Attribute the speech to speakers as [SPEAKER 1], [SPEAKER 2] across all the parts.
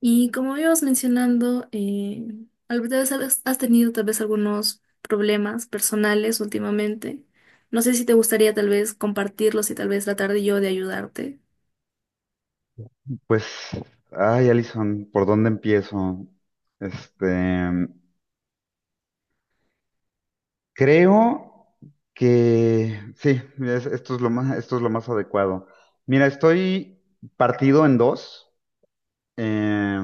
[SPEAKER 1] Y como íbamos mencionando, tal vez has tenido tal vez algunos problemas personales últimamente. No sé si te gustaría tal vez compartirlos y tal vez tratar de yo de ayudarte.
[SPEAKER 2] Pues, ay, Alison, ¿por dónde empiezo? Este, creo que sí, esto es lo más, esto es lo más adecuado. Mira, estoy partido en dos, eh,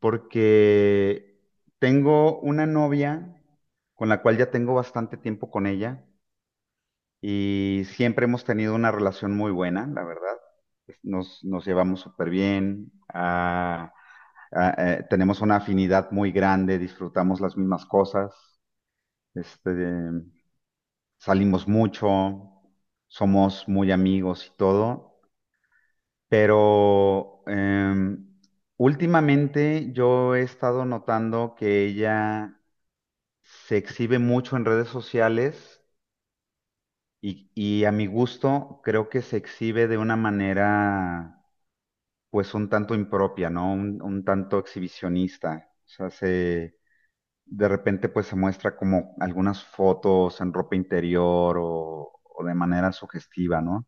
[SPEAKER 2] porque tengo una novia con la cual ya tengo bastante tiempo con ella y siempre hemos tenido una relación muy buena, la verdad. Nos llevamos súper bien. Tenemos una afinidad muy grande, disfrutamos las mismas cosas, este, salimos mucho, somos muy amigos y todo, pero últimamente yo he estado notando que ella se exhibe mucho en redes sociales y a mi gusto creo que se exhibe de una manera pues un tanto impropia, ¿no? Un tanto exhibicionista. O sea, se, de repente pues se muestra como algunas fotos en ropa interior o de manera sugestiva, ¿no?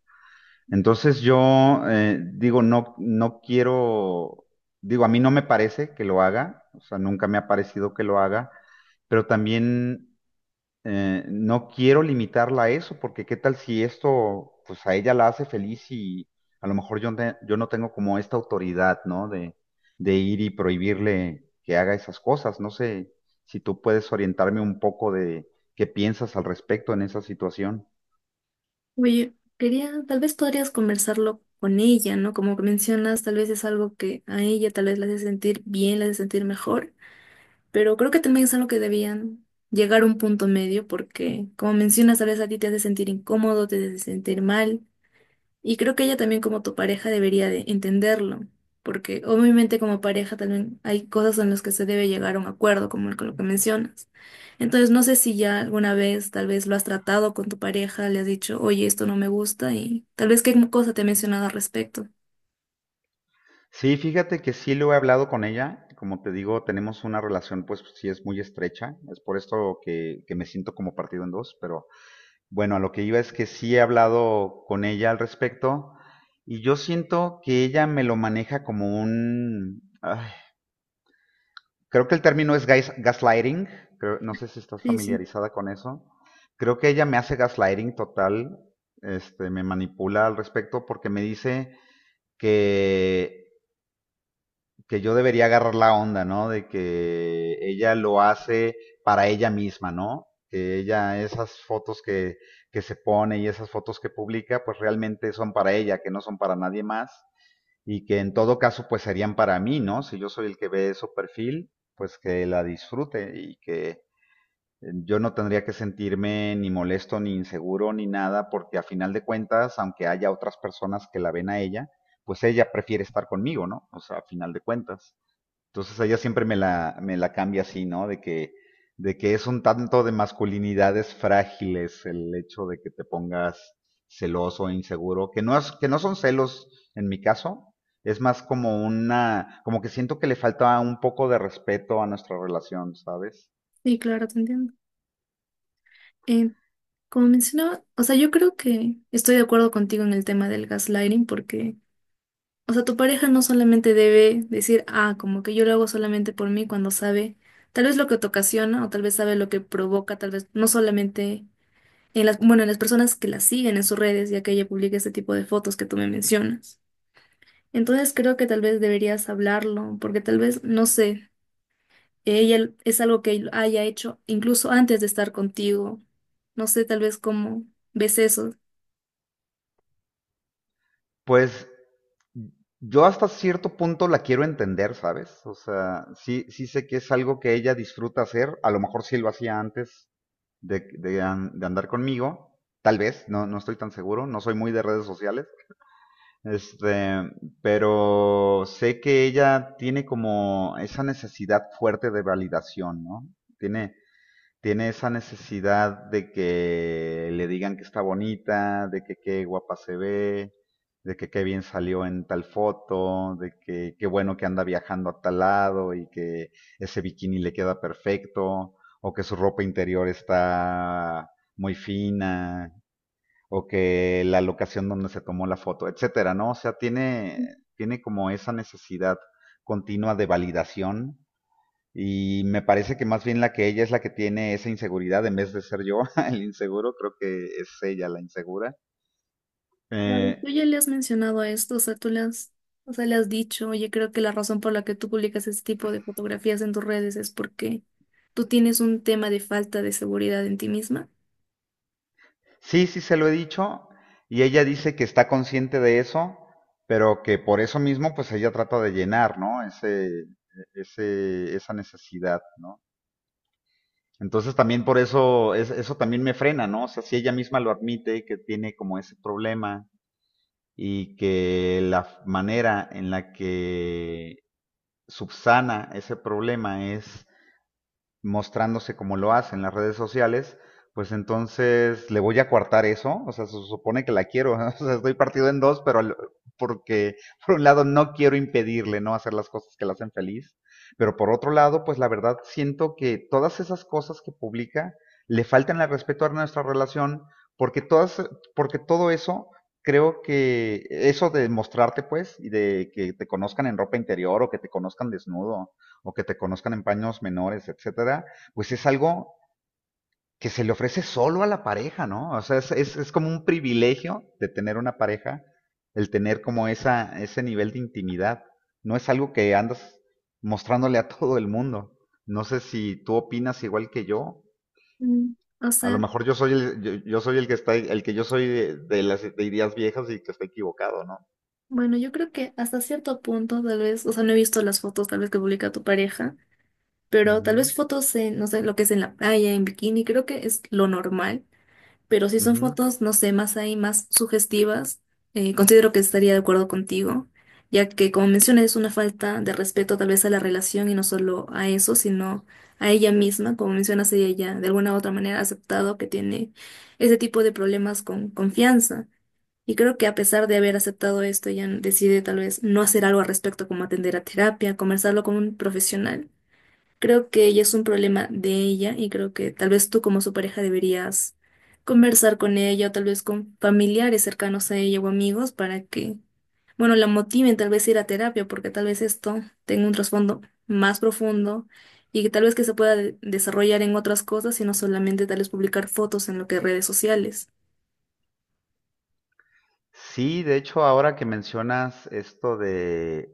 [SPEAKER 2] Entonces yo digo, no, no quiero, digo, a mí no me parece que lo haga, o sea, nunca me ha parecido que lo haga, pero también no quiero limitarla a eso, porque qué tal si esto, pues a ella la hace feliz y a lo mejor yo, yo no tengo como esta autoridad, ¿no? De ir y prohibirle que haga esas cosas. No sé si tú puedes orientarme un poco de qué piensas al respecto en esa situación.
[SPEAKER 1] Oye, quería, tal vez podrías conversarlo con ella, ¿no? Como que mencionas, tal vez es algo que a ella tal vez la hace sentir bien, la hace sentir mejor, pero creo que también es algo que debían llegar a un punto medio porque, como mencionas, tal vez a ti te hace sentir incómodo, te hace sentir mal. Y creo que ella también como tu pareja debería de entenderlo, porque obviamente como pareja también hay cosas en las que se debe llegar a un acuerdo, como con lo que mencionas. Entonces no sé si ya alguna vez tal vez lo has tratado con tu pareja, le has dicho, oye, esto no me gusta y tal vez qué cosa te ha mencionado al respecto.
[SPEAKER 2] Sí, fíjate que sí lo he hablado con ella. Como te digo, tenemos una relación, pues sí es muy estrecha. Es por esto que me siento como partido en dos, pero bueno, a lo que iba es que sí he hablado con ella al respecto y yo siento que ella me lo maneja como un... ay, creo que el término es gaslighting, creo- no sé si estás
[SPEAKER 1] Sí, sí,
[SPEAKER 2] familiarizada con eso. Creo que ella me hace gaslighting total, me manipula al respecto porque me dice que que yo debería agarrar la onda, ¿no? De que ella lo hace para ella misma, ¿no? Que ella, esas fotos que se pone y esas fotos que publica, pues realmente son para ella, que no son para nadie más. Y que en todo caso, pues serían para mí, ¿no? Si yo soy el que ve su perfil, pues que la disfrute y que yo no tendría que sentirme ni molesto, ni inseguro, ni nada, porque a final de cuentas, aunque haya otras personas que la ven a ella, pues ella prefiere estar conmigo, ¿no? O sea, a final de cuentas. Entonces ella siempre me la cambia así, ¿no? De que es un tanto de masculinidades frágiles el hecho de que te pongas celoso e inseguro, que no es, que no son celos en mi caso, es más como una, como que siento que le falta un poco de respeto a nuestra relación, ¿sabes?
[SPEAKER 1] sí, claro, te entiendo. Eh, Como mencionaba, o sea, yo creo que estoy de acuerdo contigo en el tema del gaslighting porque... O sea, tu pareja no solamente debe decir, ah, como que yo lo hago solamente por mí cuando sabe tal vez lo que te ocasiona o tal vez sabe lo que provoca, tal vez no solamente en las, bueno, en las personas que la siguen en sus redes, ya que ella publica este tipo de fotos que tú me mencionas. Entonces creo que tal vez deberías hablarlo, porque tal vez, no sé, ella es algo que haya hecho incluso antes de estar contigo. No sé, tal vez cómo ves eso.
[SPEAKER 2] Pues yo hasta cierto punto la quiero entender, ¿sabes? O sea, sí, sí sé que es algo que ella disfruta hacer. A lo mejor sí lo hacía antes de, de andar conmigo. Tal vez, no, no estoy tan seguro. No soy muy de redes sociales. Este, pero sé que ella tiene como esa necesidad fuerte de validación, ¿no? Tiene, tiene esa necesidad de que le digan que está bonita, de que qué guapa se ve, de que qué bien salió en tal foto, de que qué bueno que anda viajando a tal lado y que ese bikini le queda perfecto, o que su ropa interior está muy fina, o que la locación donde se tomó la foto, etcétera, ¿no? O sea, tiene, tiene como esa necesidad continua de validación y me parece que más bien la que ella es la que tiene esa inseguridad en vez de ser yo el inseguro, creo que es ella la insegura.
[SPEAKER 1] Claro, y
[SPEAKER 2] Eh,
[SPEAKER 1] tú ya le has mencionado esto, o sea, tú le has, o sea, le has dicho, oye, creo que la razón por la que tú publicas este tipo de fotografías en tus redes es porque tú tienes un tema de falta de seguridad en ti misma.
[SPEAKER 2] sí, sí se lo he dicho y ella dice que está consciente de eso, pero que por eso mismo pues ella trata de llenar, ¿no? Ese, esa necesidad, ¿no? Entonces también por eso, eso también me frena, ¿no? O sea, si ella misma lo admite, que tiene como ese problema y que la manera en la que subsana ese problema es mostrándose como lo hace en las redes sociales, pues entonces le voy a coartar eso, o sea, se supone que la quiero, ¿no? O sea, estoy partido en dos, pero porque por un lado no quiero impedirle no hacer las cosas que la hacen feliz, pero por otro lado, pues la verdad siento que todas esas cosas que publica le faltan el respeto a nuestra relación, porque todas, porque todo eso creo que eso de mostrarte pues y de que te conozcan en ropa interior o que te conozcan desnudo, o que te conozcan en paños menores, etcétera, pues es algo que se le ofrece solo a la pareja, ¿no? O sea, es como un privilegio de tener una pareja, el tener como esa, ese nivel de intimidad. No es algo que andas mostrándole a todo el mundo. No sé si tú opinas igual que yo.
[SPEAKER 1] Mm, o
[SPEAKER 2] A lo
[SPEAKER 1] sea,
[SPEAKER 2] mejor yo soy el, yo soy el que está, el que yo soy de las ideas viejas y que está equivocado, ¿no?
[SPEAKER 1] bueno, yo creo que hasta cierto punto, tal vez, o sea, no he visto las fotos tal vez que publica tu pareja, pero tal
[SPEAKER 2] Ujú,
[SPEAKER 1] vez fotos en, no sé, lo que es en la playa, en bikini, creo que es lo normal. Pero si son
[SPEAKER 2] ujú.
[SPEAKER 1] fotos, no sé, más ahí, más sugestivas, considero que estaría de acuerdo contigo, ya que como mencionas es una falta de respeto tal vez a la relación y no solo a eso, sino a ella misma, como mencionas, ella ya de alguna u otra manera ha aceptado que tiene ese tipo de problemas con confianza. Y creo que a pesar de haber aceptado esto, ella decide tal vez no hacer algo al respecto, como atender a terapia, conversarlo con un profesional. Creo que ya es un problema de ella y creo que tal vez tú como su pareja deberías conversar con ella o tal vez con familiares cercanos a ella o amigos para que, bueno, la motiven tal vez a ir a terapia porque tal vez esto tenga un trasfondo más profundo y que tal vez que se pueda desarrollar en otras cosas y no solamente tal vez publicar fotos en lo que redes sociales.
[SPEAKER 2] Sí, de hecho, ahora que mencionas esto de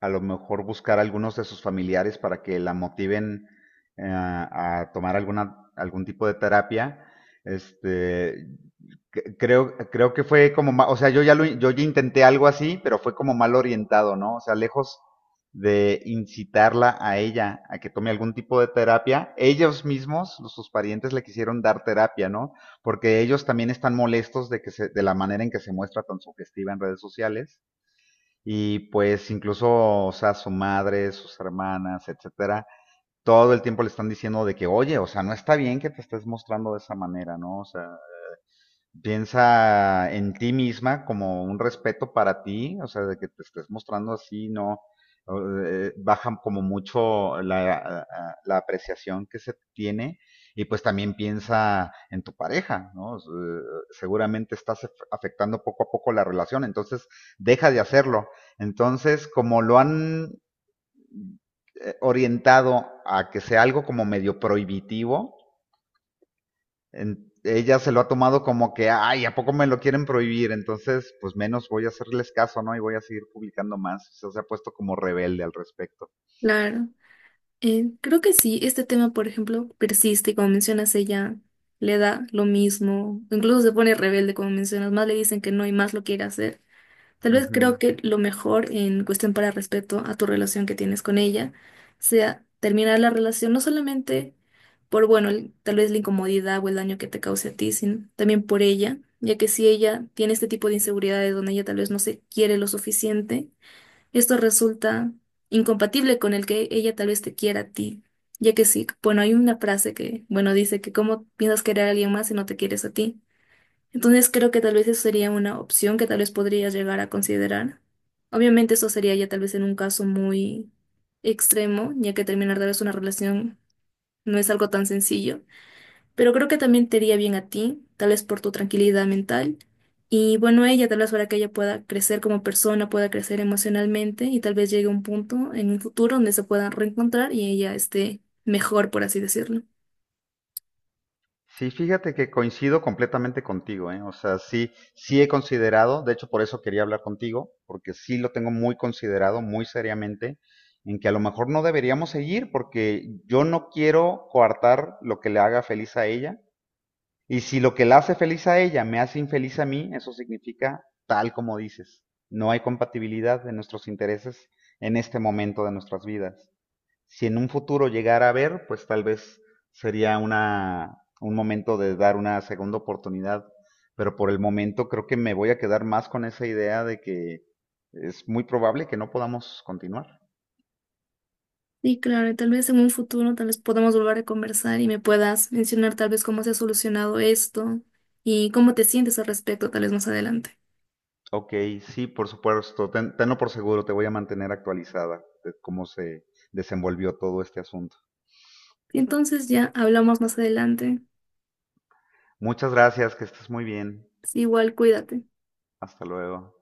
[SPEAKER 2] a lo mejor buscar a algunos de sus familiares para que la motiven a tomar alguna, algún tipo de terapia. Este, creo, creo que fue como, o sea, yo ya lo, yo ya intenté algo así, pero fue como mal orientado, ¿no? O sea, lejos de incitarla a ella a que tome algún tipo de terapia, ellos mismos, sus parientes, le quisieron dar terapia, ¿no? Porque ellos también están molestos de que se, de la manera en que se muestra tan sugestiva en redes sociales y pues incluso, o sea, su madre, sus hermanas, etcétera, todo el tiempo le están diciendo de que, oye, o sea, no está bien que te estés mostrando de esa manera, ¿no? O sea, piensa en ti misma como un respeto para ti, o sea, de que te estés mostrando así, no bajan como mucho la, la apreciación que se tiene y pues también piensa en tu pareja, ¿no? Seguramente estás afectando poco a poco la relación, entonces deja de hacerlo. Entonces, como lo han orientado a que sea algo como medio prohibitivo, ella se lo ha tomado como que, ay, ¿a poco me lo quieren prohibir? Entonces, pues menos voy a hacerles caso, ¿no? Y voy a seguir publicando más. O sea, se ha puesto como rebelde al respecto.
[SPEAKER 1] Claro. Creo que sí, este tema, por ejemplo, persiste y como mencionas, ella le da lo mismo, incluso se pone rebelde, como mencionas, más le dicen que no y más lo quiere hacer. Tal vez creo
[SPEAKER 2] Ujú.
[SPEAKER 1] que lo mejor en cuestión para respeto a tu relación que tienes con ella sea terminar la relación, no solamente por, bueno, tal vez la incomodidad o el daño que te cause a ti, sino también por ella, ya que si ella tiene este tipo de inseguridades donde ella tal vez no se quiere lo suficiente, esto resulta incompatible con el que ella tal vez te quiera a ti, ya que sí, bueno, hay una frase que, bueno, dice que cómo piensas querer a alguien más si no te quieres a ti. Entonces creo que tal vez eso sería una opción que tal vez podrías llegar a considerar. Obviamente eso sería ya tal vez en un caso muy extremo, ya que terminar tal vez una relación no es algo tan sencillo, pero creo que también te iría bien a ti, tal vez por tu tranquilidad mental. Y bueno, a ella tal vez para que ella pueda crecer como persona, pueda crecer emocionalmente y tal vez llegue a un punto en un futuro donde se puedan reencontrar y ella esté mejor, por así decirlo.
[SPEAKER 2] Sí, fíjate que coincido completamente contigo, ¿eh? O sea, sí, sí he considerado, de hecho por eso quería hablar contigo, porque sí lo tengo muy considerado, muy seriamente, en que a lo mejor no deberíamos seguir, porque yo no quiero coartar lo que le haga feliz a ella, y si lo que la hace feliz a ella me hace infeliz a mí, eso significa tal como dices. No hay compatibilidad de nuestros intereses en este momento de nuestras vidas. Si en un futuro llegara a haber, pues tal vez sería una, un momento de dar una segunda oportunidad. Pero por el momento creo que me voy a quedar más con esa idea de que es muy probable que no podamos continuar.
[SPEAKER 1] Y claro, y tal vez en un futuro tal vez podamos volver a conversar y me puedas mencionar tal vez cómo se ha solucionado esto y cómo te sientes al respecto tal vez más adelante.
[SPEAKER 2] Ok, sí, por supuesto. Tenlo por seguro, te voy a mantener actualizada de cómo se desenvolvió todo este asunto.
[SPEAKER 1] Y entonces ya hablamos más adelante.
[SPEAKER 2] Muchas gracias, que estés muy bien.
[SPEAKER 1] Sí, igual cuídate.
[SPEAKER 2] Hasta luego.